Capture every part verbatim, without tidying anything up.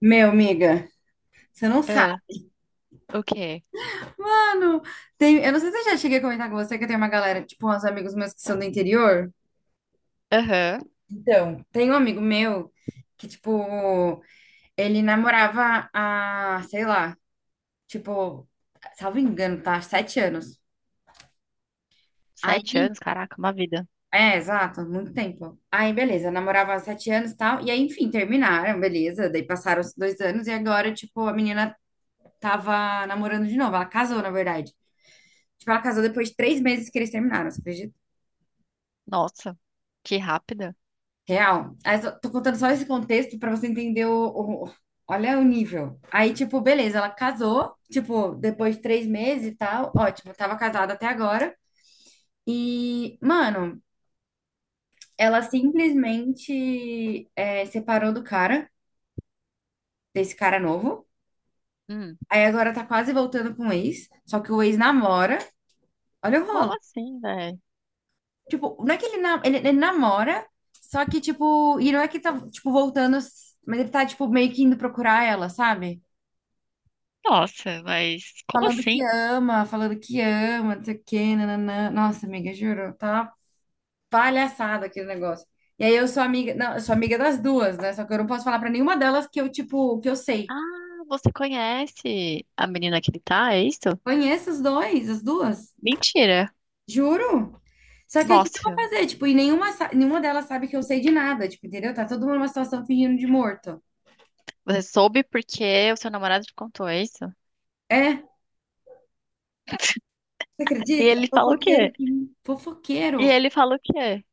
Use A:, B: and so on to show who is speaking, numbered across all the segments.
A: Meu, amiga, você não sabe.
B: Ah, o quê?
A: Mano, tem, eu não sei se eu já cheguei a comentar com você que eu tenho uma galera, tipo, uns amigos meus que são do interior.
B: Aham.
A: Então, tem um amigo meu que, tipo, ele namorava há, sei lá, tipo, salvo engano, tá? Sete anos.
B: Sete
A: Aí,
B: anos, caraca, uma vida.
A: é, exato, muito tempo. Aí, beleza, namorava há sete anos e tal. E aí, enfim, terminaram, beleza. Daí passaram os dois anos e agora, tipo, a menina tava namorando de novo. Ela casou, na verdade. Tipo, ela casou depois de três meses que eles terminaram, você acredita?
B: Nossa, que rápida.
A: Real. Aí, só- tô contando só esse contexto pra você entender o, o- olha o nível. Aí, tipo, beleza, ela casou, tipo, depois de três meses e tal, ótimo, tava casada até agora. E, mano, ela simplesmente é, separou do cara, desse cara novo.
B: Hum,
A: Aí agora tá quase voltando com o ex, só que o ex namora. Olha o
B: como
A: rolo.
B: assim, velho?
A: Tipo, não é que ele, na- ele, ele namora, só que, tipo, e não é que tá, tipo, voltando, mas ele tá, tipo, meio que indo procurar ela, sabe?
B: Nossa, mas como
A: Falando que
B: assim?
A: ama, falando que ama, não sei o quê, nananã. Nossa, amiga, juro, tá palhaçada aquele negócio. E aí eu sou amiga, não, eu sou amiga das duas, né? Só que eu não posso falar pra nenhuma delas que eu, tipo, que eu sei.
B: Ah, você conhece a menina que ele tá, é isso?
A: Conheço os dois, as duas,
B: Mentira.
A: juro. Só que aí o que que eu vou
B: Nossa,
A: fazer? Tipo, e nenhuma, sa- nenhuma delas sabe que eu sei de nada, tipo, entendeu? Tá todo mundo numa situação fingindo de morto.
B: você soube porque o seu namorado te contou, é isso?
A: É, você
B: E
A: acredita?
B: ele fala o
A: Fofoqueiro,
B: quê?
A: de-
B: E
A: fofoqueiro.
B: ele fala o quê?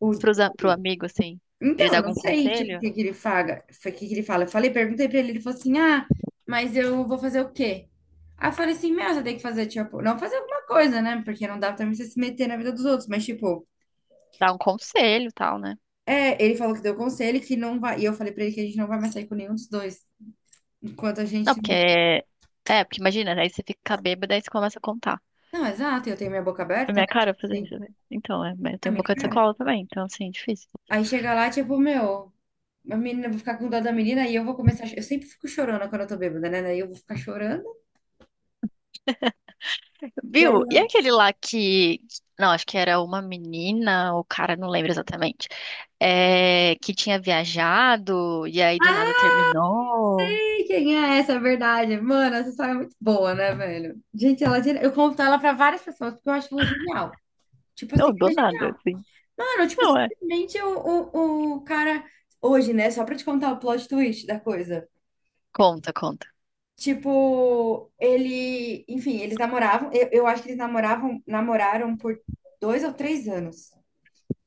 A: O,
B: Pros, a- pro amigo, assim?
A: Então,
B: Ele dá
A: eu não
B: algum
A: sei, tipo, o
B: conselho?
A: que que ele fala, o que que ele fala. Eu falei, perguntei pra ele, ele falou assim, ah, mas eu vou fazer o quê? Aí eu falei assim, meu, você tem que fazer, tipo, não fazer alguma coisa, né? Porque não dá também você se meter na vida dos outros, mas, tipo,
B: Dá um conselho e tal, né?
A: é, ele falou que deu conselho, que não vai, e eu falei pra ele que a gente não vai mais sair com nenhum dos dois, enquanto a
B: Não,
A: gente
B: porque...
A: não...
B: É, é, porque imagina, aí você fica bêbada e você começa a contar.
A: Não, exato, eu tenho minha boca
B: É
A: aberta, né?
B: minha
A: Tipo
B: cara fazer
A: assim,
B: isso, né? Então, é, mas eu
A: na
B: tenho
A: minha
B: boca de
A: cara.
B: sacola também, então, assim, é difícil.
A: Aí chega lá, tipo, meu, a menina, eu vou ficar com dó da menina, e eu vou começar, a cho- eu sempre fico chorando quando eu tô bêbada, né? Daí eu vou ficar chorando, e aí
B: Viu? E aquele lá que. Não, acho que era uma menina, o cara, não lembro exatamente. É, que tinha viajado e aí do nada terminou.
A: sei quem é essa, é verdade. Mano, essa história é muito boa, né, velho? Gente, ela, é geni- eu conto ela pra várias pessoas, porque eu acho ela genial. Tipo assim,
B: Não, do
A: ela é
B: nada,
A: genial.
B: assim.
A: Mano, tipo,
B: Não é.
A: simplesmente o, o, o cara. Hoje, né? Só pra te contar o plot twist da coisa.
B: Conta, conta.
A: Tipo, ele. Enfim, eles namoravam. Eu, eu acho que eles namoravam, namoraram por dois ou três anos.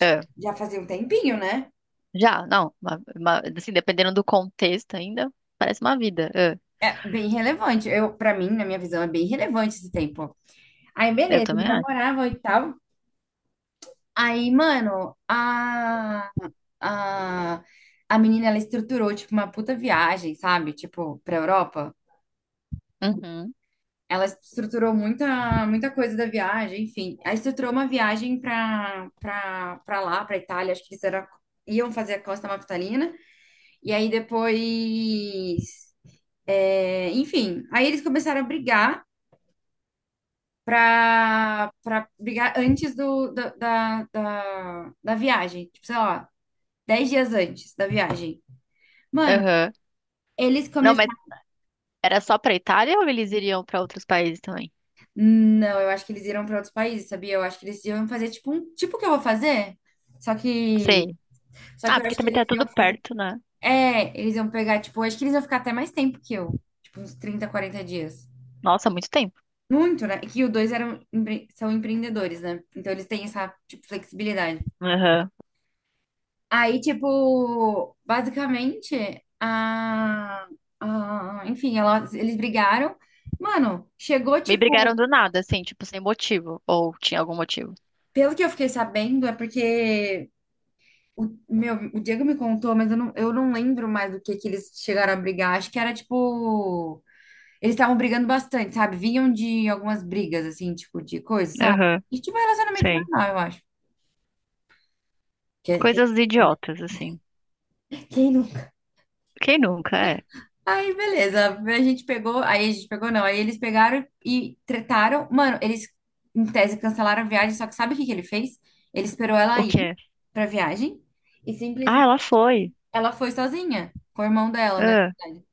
B: É.
A: Já fazia um tempinho, né?
B: Já, não. uma- uma- assim, dependendo do contexto ainda, parece uma vida. É.
A: É bem relevante. Eu, para mim, na minha visão, é bem relevante esse tempo. Aí,
B: Eu
A: beleza, eles
B: também acho.
A: namoravam e tal. Aí, mano, a, a, a menina, ela estruturou, tipo, uma puta viagem, sabe? Tipo, pra Europa.
B: Uhum.
A: Ela estruturou muita, muita coisa da viagem, enfim. Ela estruturou uma viagem pra, pra, pra lá, pra Itália. Acho que eles era, iam fazer a Costa Amalfitalina. E aí, depois... é, enfim, aí eles começaram a brigar pra, pra brigar antes do, da, da, da, da viagem. Tipo, sei lá, dez dias antes da viagem. Mano,
B: Aham.
A: eles
B: Não, mas
A: começaram.
B: era só pra Itália ou eles iriam pra outros países também?
A: Não, eu acho que eles iram para outros países, sabia? Eu acho que eles iam fazer tipo um. Tipo o que eu vou fazer? Só que.
B: Sei.
A: Só
B: Ah,
A: que eu
B: porque
A: acho que
B: também tá
A: eles
B: tudo
A: iam fazer.
B: perto, né?
A: É, eles iam pegar, tipo, eu acho que eles iam ficar até mais tempo que eu. Tipo, uns trinta, quarenta dias.
B: Nossa, muito tempo.
A: Muito, né? Que os dois eram, empre- são empreendedores, né? Então eles têm essa, tipo, flexibilidade.
B: Aham.
A: Aí, tipo, basicamente, a. a- enfim, ela- eles brigaram. Mano, chegou,
B: Me
A: tipo.
B: brigaram do nada, assim, tipo, sem motivo. Ou tinha algum motivo.
A: Pelo que eu fiquei sabendo, é porque o, meu, o Diego me contou, mas eu não, eu não lembro mais do que que eles chegaram a brigar. Acho que era tipo. Eles estavam brigando bastante, sabe? Vinham de algumas brigas, assim, tipo, de coisa, sabe?
B: Aham,
A: E tipo, relacionamento
B: sei.
A: normal, eu acho. Que, é, que,
B: Coisas idiotas, assim.
A: quem não?
B: Quem nunca é?
A: Aí, beleza. A gente pegou. Aí a gente pegou, não. Aí eles pegaram e tretaram. Mano, eles, em tese, cancelaram a viagem, só que sabe o que que ele fez? Ele esperou ela
B: O
A: ir
B: quê?
A: pra viagem. E
B: Ah,
A: simplesmente
B: ela foi.
A: ela foi sozinha, com o irmão dela, né?
B: Ah.
A: Na verdade.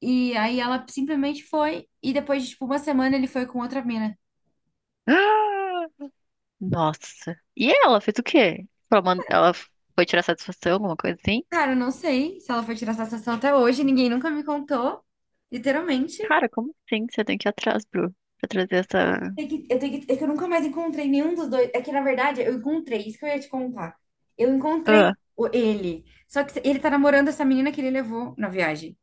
A: E aí ela simplesmente foi, e depois de tipo uma semana ele foi com outra mina.
B: Ah! Nossa. E ela fez o quê? Ela man- ela foi tirar satisfação, alguma coisa assim?
A: Cara, eu não sei se ela foi tirar essa satisfação até hoje, ninguém nunca me contou, literalmente.
B: Cara, como assim você tem que ir atrás, Bru? Pra trazer essa.
A: Tem que- Eu tenho que, é que eu nunca mais encontrei nenhum dos dois. É que, na verdade, eu encontrei, isso que eu ia te contar. Eu encontrei
B: Ah.
A: o- ele. Só que ele tá namorando essa menina que ele levou na viagem.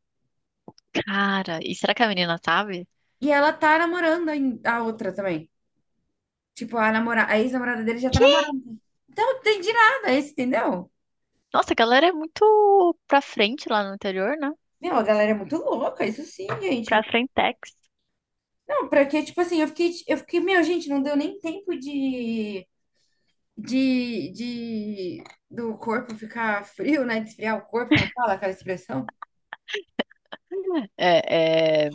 B: Cara, e será que a menina sabe?
A: E ela tá namorando a a outra também. Tipo, a namora, a ex-namorada dele já tá
B: Que?
A: namorando. Então, eu não entendi nada, esse, entendeu?
B: Nossa, a galera é muito pra frente lá no interior, né?
A: Não, a galera é muito louca, isso sim,
B: Pra
A: gente.
B: Frentex.
A: Não, pra que, tipo assim, eu fiquei, eu fiquei, meu, gente, não deu nem tempo de, de, de, do corpo ficar frio, né? De esfriar o corpo, como fala aquela expressão?
B: É, é...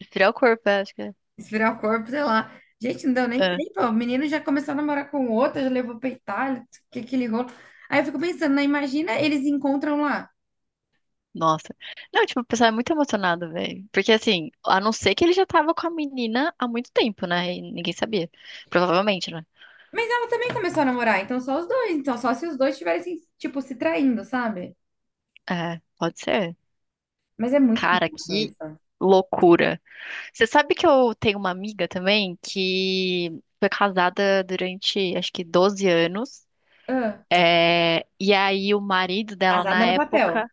B: Esfriar o corpo, é, acho que é.
A: Esfriar o corpo, sei lá. Gente, não deu nem
B: É,
A: tempo. O menino já começou a namorar com outra, já levou pra Itália, que aquele rolo. Aí eu fico pensando, né? Imagina eles encontram lá.
B: nossa. Não, tipo, o pessoal é muito emocionado, velho. Porque, assim, a não ser que ele já tava com a menina há muito tempo, né? E ninguém sabia. Provavelmente, né?
A: Mas ela também começou a namorar, então só os dois. Então só se os dois estivessem, tipo, se traindo, sabe?
B: É, pode ser.
A: Mas é muito
B: Cara,
A: bizarro
B: que
A: isso.
B: loucura. Você sabe que eu tenho uma amiga também que foi casada durante, acho que doze anos.
A: Ah,
B: É, e aí o marido dela,
A: casada
B: na
A: no papel.
B: época,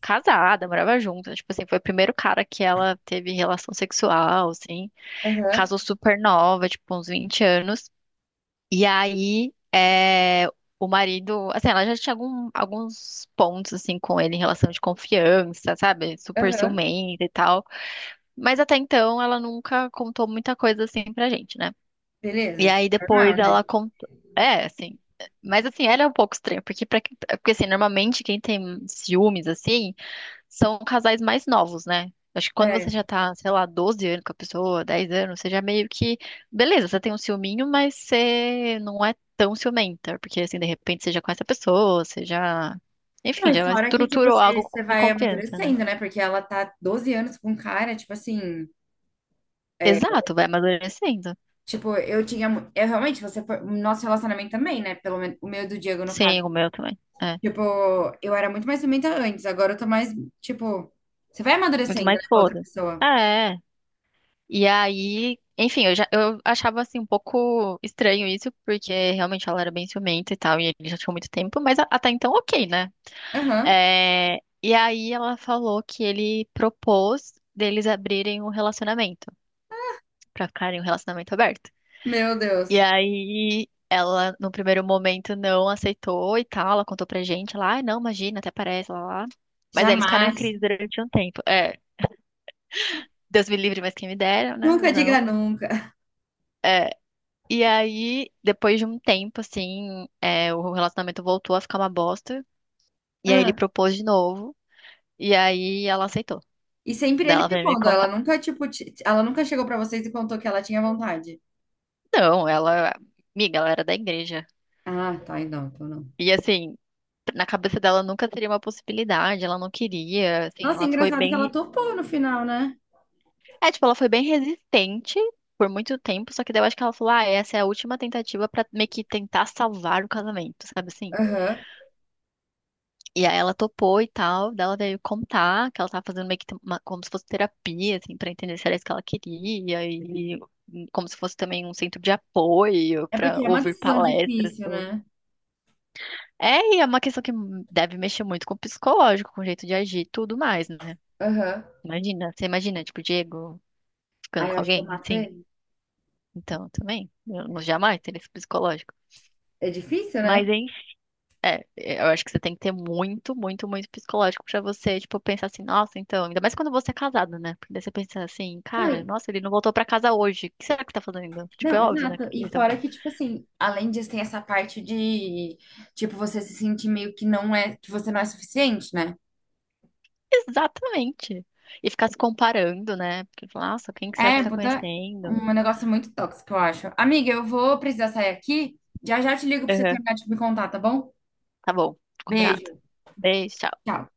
B: casada, morava junto. Tipo assim, foi o primeiro cara que ela teve relação sexual, assim.
A: Aham,
B: Casou super nova, tipo, uns vinte anos. E aí, é, o marido, assim, ela já tinha algum- alguns pontos, assim, com ele em relação de confiança, sabe? Super
A: aham.
B: ciumenta e tal. Mas até então, ela nunca contou muita coisa, assim, pra gente, né? E
A: Beleza.
B: aí, depois
A: Normal, né?
B: ela contou. É, assim. Mas assim, ela é um pouco estranha, porque, pra... porque assim, normalmente quem tem ciúmes, assim são casais mais novos, né? Acho que quando você
A: É.
B: já tá, sei lá, doze anos com a pessoa, dez anos, você já meio que. Beleza, você tem um ciúminho, mas você não é tão ciumenta. Porque, assim, de repente você já conhece a pessoa, você já.
A: Não,
B: Enfim,
A: e
B: já
A: fora que, tipo,
B: estruturou
A: você
B: algo
A: você
B: de
A: vai
B: confiança, né?
A: amadurecendo, né? Porque ela tá doze anos com um cara, tipo assim.
B: Exato, vai amadurecendo.
A: Tipo, eu tinha. mu- Eu realmente, você foi. Nosso relacionamento também, né? Pelo menos o meu e do Diego, no caso.
B: Sim, o meu também. É.
A: Tipo, eu era muito mais ciumenta antes, agora eu tô mais. Tipo, você vai
B: Muito
A: amadurecendo, né,
B: mais
A: com a outra
B: foda.
A: pessoa.
B: É. E aí, enfim, eu já eu achava assim um pouco estranho isso, porque realmente ela era bem ciumenta e tal, e ele já tinha muito tempo, mas a- até então ok, né?
A: Aham.
B: É, e aí ela falou que ele propôs deles abrirem um relacionamento, pra ficarem um relacionamento aberto.
A: Meu
B: E
A: Deus.
B: aí ela, no primeiro momento, não aceitou e tal, ela contou pra gente lá, ah, não, imagina, até parece, lá, lá. Mas aí eles ficaram em
A: Jamais.
B: crise durante um tempo. É, Deus me livre, mas quem me dera, né?
A: Nunca
B: Mas
A: diga
B: não.
A: nunca.
B: É, e aí, depois de um tempo, assim, é, o relacionamento voltou a ficar uma bosta. E aí ele
A: Ah,
B: propôs de novo. E aí ela aceitou.
A: e sempre
B: Daí
A: ele
B: ela veio me
A: propondo. Ela
B: contar.
A: nunca, tipo, ti- ela nunca chegou pra vocês e contou que ela tinha vontade.
B: Não, ela, amiga, ela era da igreja.
A: Ah, tá, então, então não.
B: E assim, na cabeça dela nunca seria uma possibilidade, ela não queria, assim,
A: Nossa,
B: ela foi
A: engraçado
B: bem,
A: que ela
B: re-
A: topou no final, né?
B: é, tipo, ela foi bem resistente por muito tempo, só que daí eu acho que ela falou, ah, essa é a última tentativa pra meio que tentar salvar o casamento, sabe assim?
A: Aham.
B: E aí ela topou e tal, daí ela veio contar que ela tava fazendo meio que uma- como se fosse terapia, assim, pra entender se era isso que ela queria e e como se fosse também um centro de apoio
A: É
B: pra
A: porque é uma
B: ouvir
A: decisão
B: palestras.
A: difícil, né?
B: É, e é uma questão que deve mexer muito com o psicológico, com o jeito de agir, e tudo mais, né?
A: Aham.
B: Imagina, você imagina, tipo, o Diego ficando
A: Aí eu
B: com
A: acho que eu
B: alguém,
A: mato
B: assim.
A: ele.
B: Então, também, eu não jamais teria esse psicológico.
A: É difícil,
B: Mas,
A: né?
B: enfim, eu acho que você tem que ter muito, muito, muito psicológico pra você, tipo, pensar assim, nossa, então, ainda mais quando você é casado, né? Porque daí você pensa assim,
A: Não,
B: cara,
A: e-
B: nossa, ele não voltou pra casa hoje, o que será que tá fazendo? Tipo, é
A: não,
B: óbvio, né?
A: exato.
B: Que
A: E
B: ele tá...
A: fora que, tipo assim, além disso, tem essa parte de, tipo, você se sentir meio que não é, que você não é suficiente, né?
B: Exatamente. E ficar se comparando, né? Porque, nossa, quem que será que
A: É,
B: ele tá
A: puta,
B: conhecendo?
A: um negócio muito tóxico, eu acho. Amiga, eu vou precisar sair aqui. Já já te ligo pra você terminar de me contar, tá bom?
B: Tá bom, combinado.
A: Beijo.
B: Beijo, tchau.
A: Tchau.